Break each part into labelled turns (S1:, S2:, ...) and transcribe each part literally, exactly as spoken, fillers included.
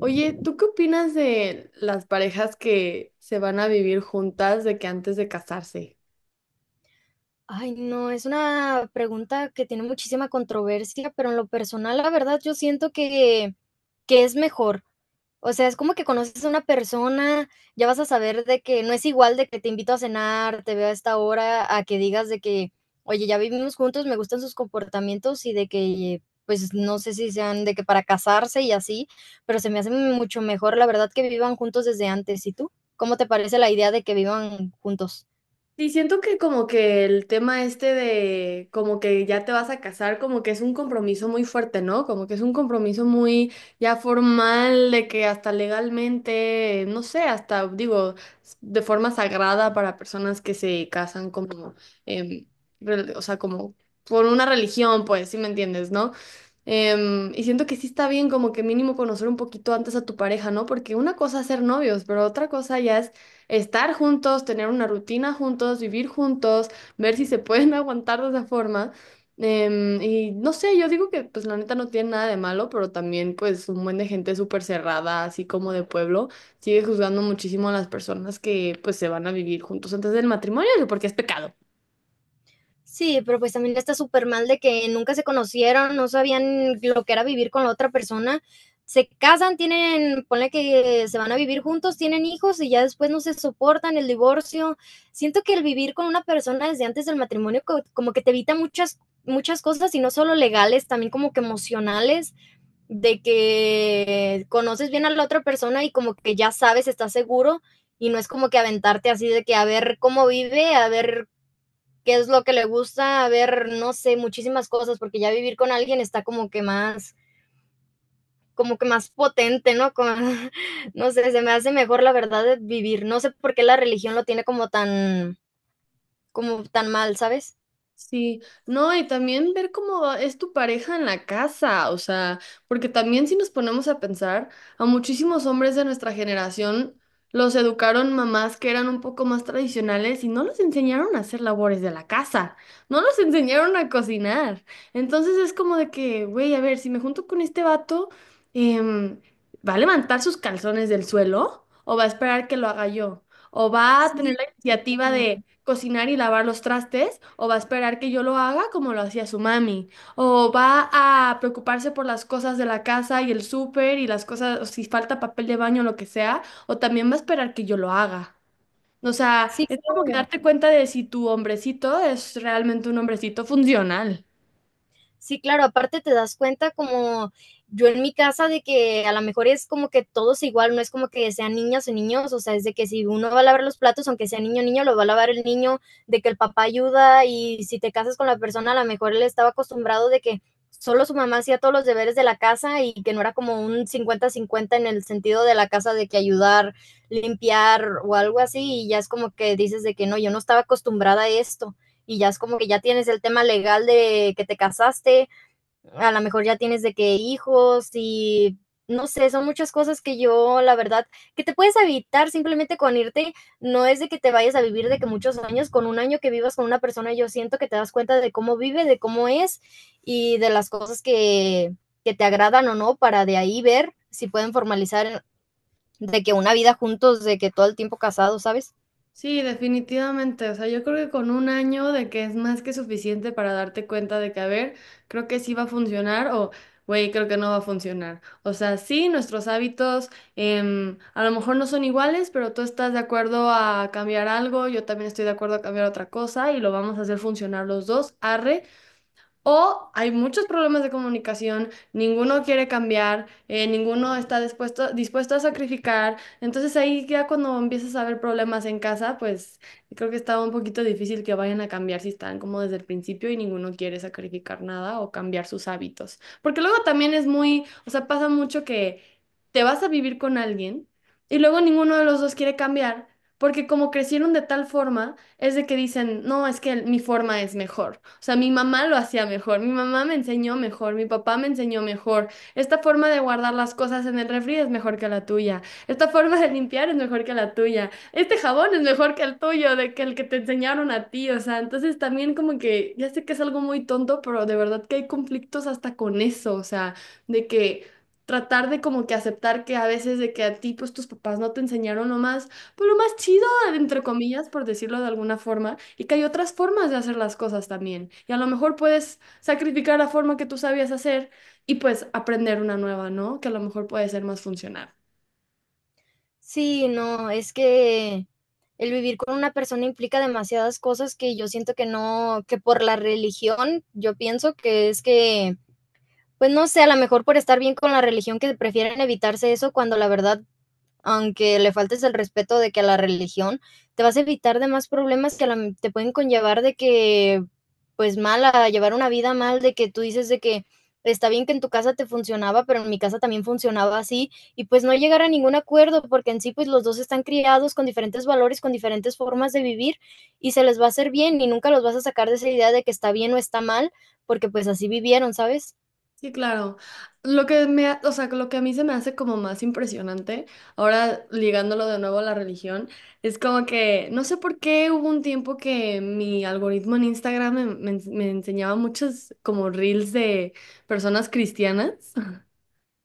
S1: Oye, ¿tú qué opinas de las parejas que se van a vivir juntas de que antes de casarse?
S2: Ay, no, es una pregunta que tiene muchísima controversia, pero en lo personal, la verdad, yo siento que que es mejor. O sea, es como que conoces a una persona, ya vas a saber de que no es igual de que te invito a cenar, te veo a esta hora, a que digas de que: "Oye, ya vivimos juntos, me gustan sus comportamientos", y de que, pues, no sé si sean de que para casarse y así, pero se me hace mucho mejor, la verdad, que vivan juntos desde antes, ¿y tú? ¿Cómo te parece la idea de que vivan juntos?
S1: Y siento que como que el tema este de como que ya te vas a casar, como que es un compromiso muy fuerte, ¿no? Como que es un compromiso muy ya formal, de que hasta legalmente, no sé, hasta digo, s- de forma sagrada para personas que se casan como, em, re- o sea, como por una religión, pues, si me entiendes, ¿no? Em, y siento que sí está bien como que mínimo conocer un poquito antes a tu pareja, ¿no? Porque una cosa es ser novios, pero otra cosa ya estar juntos, tener una rutina juntos, vivir juntos, ver si se pueden aguantar de esa forma. Em, y no sé, yo digo que pues la neta no tiene nada de malo, pero también pues un buen de gente súper cerrada, así como de pueblo, sigue juzgando muchísimo a las personas que pues se van a vivir juntos antes del matrimonio, porque es pecado.
S2: Sí, pero pues también está súper mal de que nunca se conocieron, no sabían lo que era vivir con la otra persona. Se casan, tienen, ponle que se van a vivir juntos, tienen hijos y ya después no se soportan, el divorcio. Siento que el vivir con una persona desde antes del matrimonio co- como que te evita muchas, muchas cosas y no solo legales, también como que emocionales, de que conoces bien a la otra persona y como que ya sabes, estás seguro y no es como que aventarte así de que a ver cómo vive, a ver qué es lo que le gusta, a ver, no sé, muchísimas cosas, porque ya vivir con alguien está como que más, como que más potente, ¿no? Como, no sé, se me hace mejor la verdad de vivir. No sé por qué la religión lo tiene como tan, como tan mal, ¿sabes?
S1: Sí, no, y también ver cómo va- es tu pareja en la casa, o sea, porque también si nos ponemos a pensar, a muchísimos hombres de nuestra generación los educaron mamás que eran un poco más tradicionales y no los enseñaron a hacer labores de la casa, no los enseñaron a cocinar. Entonces es como de que, güey, a ver, si me junto con este vato, em, ¿va a levantar sus calzones del suelo o va a esperar que lo haga yo? ¿O va a
S2: Sí,
S1: tener la iniciativa de cocinar y lavar los trastes, o va a esperar que yo lo haga como lo hacía su mami, o va a preocuparse por las cosas de la casa y el súper y las cosas, o si falta papel de baño lo que sea, o también va a esperar que yo lo haga. O sea,
S2: sí,
S1: es como que
S2: creo.
S1: darte cuenta de si tu hombrecito es realmente un hombrecito funcional.
S2: Sí, claro, aparte te das cuenta como yo en mi casa de que a lo mejor es como que todos igual, no es como que sean niñas o niños, o sea, es de que si uno va a lavar los platos, aunque sea niño o niño, lo va a lavar el niño, de que el papá ayuda y si te casas con la persona, a lo mejor él estaba acostumbrado de que solo su mamá hacía todos los deberes de la casa y que no era como un cincuenta-cincuenta en el sentido de la casa de que ayudar, limpiar o algo así, y ya es como que dices de que no, yo no estaba acostumbrada a esto y ya es como que ya tienes el tema legal de que te casaste, a lo mejor ya tienes de que hijos y no sé, son muchas cosas que yo, la verdad, que te puedes evitar simplemente con irte, no es de que te vayas a vivir de que muchos años, con un año que vivas con una persona, yo siento que te das cuenta de cómo vive, de cómo es y de las cosas que, que te agradan o no, para de ahí ver si pueden formalizar de que una vida juntos, de que todo el tiempo casados, ¿sabes?
S1: Sí, definitivamente. O sea, yo creo que con un año de que es más que suficiente para darte cuenta de que, a ver, creo que sí va a funcionar o, güey, creo que no va a funcionar. O sea, sí, nuestros hábitos em, a lo mejor no son iguales, pero tú estás de acuerdo a cambiar algo, yo también estoy de acuerdo a cambiar otra cosa y lo vamos a hacer funcionar los dos. Arre, o hay muchos problemas de comunicación, ninguno quiere cambiar, eh, ninguno está dispuesto, dispuesto a sacrificar. Entonces ahí ya cuando empiezas a ver problemas en casa, pues creo que está un poquito difícil que vayan a cambiar si están como desde el principio y ninguno quiere sacrificar nada o cambiar sus hábitos. Porque luego también es muy, o sea, pasa mucho que te vas a vivir con alguien y luego ninguno de los dos quiere cambiar porque como crecieron de tal forma es de que dicen, no, es que mi forma es mejor. O sea, mi mamá lo hacía mejor, mi mamá me enseñó mejor, mi papá me enseñó mejor. Esta forma de guardar las cosas en el refri es mejor que la tuya. Esta forma de limpiar es mejor que la tuya. Este jabón es mejor que el tuyo, de que el que te enseñaron a ti. O sea, entonces también como que, ya sé que es algo muy tonto, pero de verdad que hay conflictos hasta con eso. O sea, de que... Tratar de como que aceptar que a veces de que a ti pues tus papás no te enseñaron lo más, pues lo más chido entre comillas, por decirlo de alguna forma, y que hay otras formas de hacer las cosas también. Y a lo mejor puedes sacrificar la forma que tú sabías hacer y pues aprender una nueva, ¿no? Que a lo mejor puede ser más funcional.
S2: Sí, no, es que el vivir con una persona implica demasiadas cosas que yo siento que no, que por la religión, yo pienso que es que, pues no sé, a lo mejor por estar bien con la religión que prefieren evitarse eso cuando la verdad aunque le faltes el respeto de que a la religión, te vas a evitar de más problemas que a la- te pueden conllevar de que, pues mal, a llevar una vida mal, de que tú dices de que está bien que en tu casa te funcionaba, pero en mi casa también funcionaba así, y pues no llegar a ningún acuerdo, porque en sí, pues los dos están criados con diferentes valores, con diferentes formas de vivir, y se les va a hacer bien, y nunca los vas a sacar de esa idea de que está bien o está mal, porque pues así vivieron, ¿sabes?
S1: Sí, claro. Lo que me, ha- o sea, que lo que a mí se me hace como más impresionante, ahora ligándolo de nuevo a la religión, es como que no sé por qué hubo un tiempo que mi algoritmo en Instagram me, me me enseñaba muchos como reels de personas cristianas.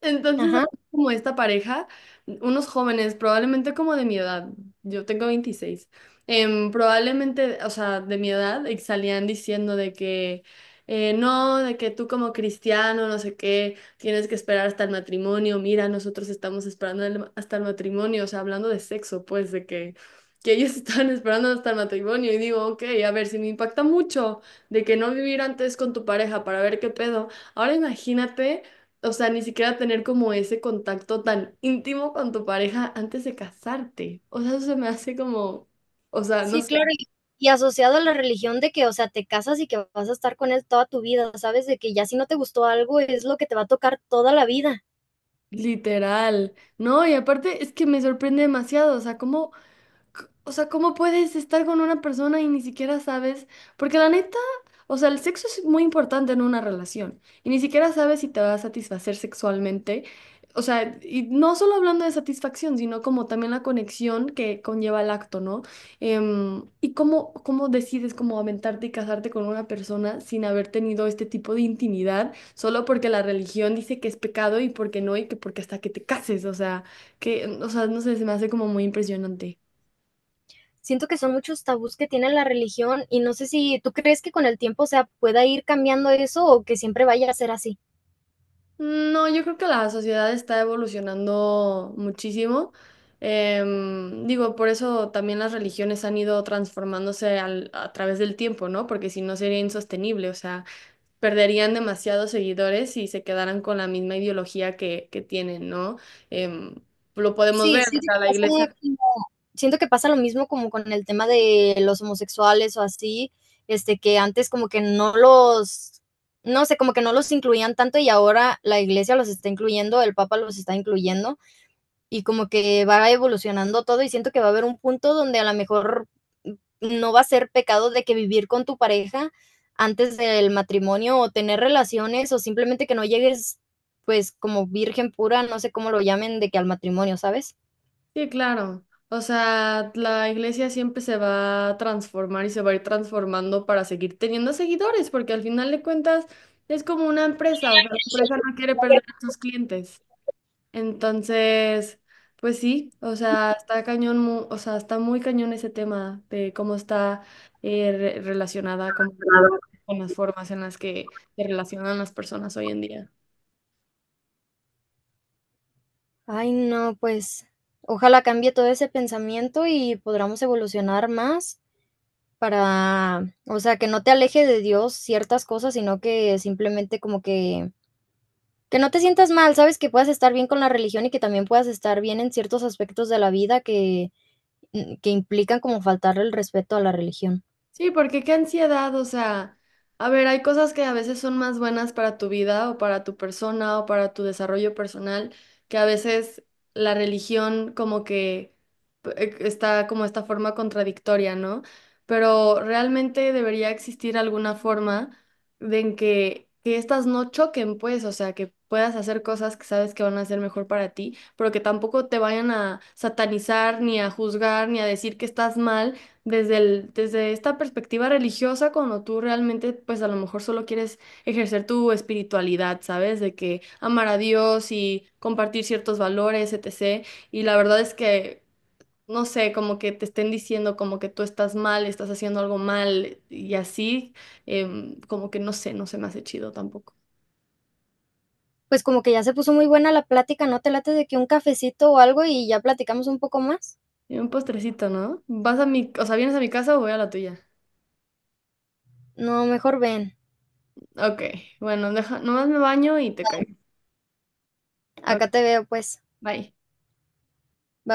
S1: Entonces,
S2: Ajá.
S1: como esta pareja, unos jóvenes, probablemente como de mi edad, yo tengo veintiséis em, probablemente, o sea, de mi edad, y salían diciendo de que eh, no, de que tú como cristiano, no sé qué, tienes que esperar hasta el matrimonio, mira, nosotros estamos esperando el- hasta el matrimonio, o sea, hablando de sexo, pues, de que, que ellos están esperando hasta el matrimonio, y digo, ok, a ver, si me impacta mucho de que no vivir antes con tu pareja para ver qué pedo, ahora imagínate o sea, ni siquiera tener como ese contacto tan íntimo con tu pareja antes de casarte. O sea, eso se me hace como, o sea, no
S2: Sí,
S1: sé,
S2: claro, y y asociado a la religión de que, o sea, te casas y que vas a estar con él toda tu vida, ¿sabes? De que ya si no te gustó algo, es lo que te va a tocar toda la vida.
S1: literal, ¿no? Y aparte es que me sorprende demasiado, o sea, cómo c- O sea, ¿cómo puedes estar con una persona y ni siquiera sabes? Porque la neta, o sea, el sexo es muy importante en una relación y ni siquiera sabes si te va a satisfacer sexualmente. O sea, y no solo hablando de satisfacción, sino como también la conexión que conlleva el acto, ¿no? Em, y cómo, cómo decides cómo aventarte y casarte con una persona sin haber tenido este tipo de intimidad, solo porque la religión dice que es pecado y porque no, y que porque hasta que te cases, o sea, que, o sea, no sé, se me hace como muy impresionante.
S2: Siento que son muchos tabús que tiene la religión y no sé si tú crees que con el tiempo, o sea, pueda ir cambiando eso o que siempre vaya a ser así.
S1: No, yo creo que la sociedad está evolucionando muchísimo. Em, digo, por eso también las religiones han ido transformándose al- a través del tiempo, ¿no? Porque si no sería insostenible, o sea, perderían demasiados seguidores si se quedaran con la misma ideología que, que tienen, ¿no? Em, lo podemos
S2: Sí,
S1: ver, o
S2: siento que
S1: sea, la
S2: pasa
S1: iglesia.
S2: como- siento que pasa lo mismo como con el tema de los homosexuales o así, este, que antes como que no los, no sé, como que no los incluían tanto y ahora la iglesia los está incluyendo, el papa los está incluyendo. Y como que va evolucionando todo y siento que va a haber un punto donde a lo mejor no va a ser pecado de que vivir con tu pareja antes del matrimonio o tener relaciones o simplemente que no llegues pues como virgen pura, no sé cómo lo llamen, de que al matrimonio, ¿sabes?
S1: Sí, claro. O sea, la iglesia siempre se va a transformar y se va a ir transformando para seguir teniendo seguidores, porque al final de cuentas es como una empresa, o sea, la empresa no quiere perder a sus clientes. Entonces, pues sí, o sea, está cañón, mu- o sea, está muy cañón ese tema de cómo está eh, re- relacionada como con las formas en las que se relacionan las personas hoy en día.
S2: Ay, no, pues ojalá cambie todo ese pensamiento y podamos evolucionar más para, o sea, que no te aleje de Dios ciertas cosas, sino que simplemente como que Que no te sientas mal, ¿sabes? Que puedas estar bien con la religión y que también puedas estar bien en ciertos aspectos de la vida que, mm, que implican como faltarle el respeto a la religión.
S1: Sí, porque qué ansiedad, o sea, a ver, hay cosas que a veces son más buenas para tu vida o para tu persona o para tu desarrollo personal, que a veces la religión como que p- eh, está como esta forma contradictoria, ¿no? Pero realmente debería existir alguna forma de en que, que, estas no choquen, pues, o sea, que puedas hacer cosas que sabes que van a ser mejor para ti, pero que tampoco te vayan a satanizar, ni a juzgar, ni a decir que estás mal desde el, desde esta perspectiva religiosa, cuando tú realmente, pues a lo mejor solo quieres ejercer tu espiritualidad, ¿sabes? De que amar a Dios y compartir ciertos valores, etcétera. Y la verdad es que, no sé, como que te estén diciendo como que tú estás mal, estás haciendo algo mal y así, em, como que no sé, no se me hace chido tampoco.
S2: Pues, como que ya se puso muy buena la plática, ¿no te late de que un cafecito o algo y ya platicamos un poco más?
S1: Y un postrecito, ¿no? ¿Vas a mi, o sea, vienes a mi casa o voy a la tuya?
S2: No, mejor ven.
S1: Ok, bueno, deja, nomás me baño y te caigo. Ok,
S2: Acá te veo, pues.
S1: bye.
S2: Ba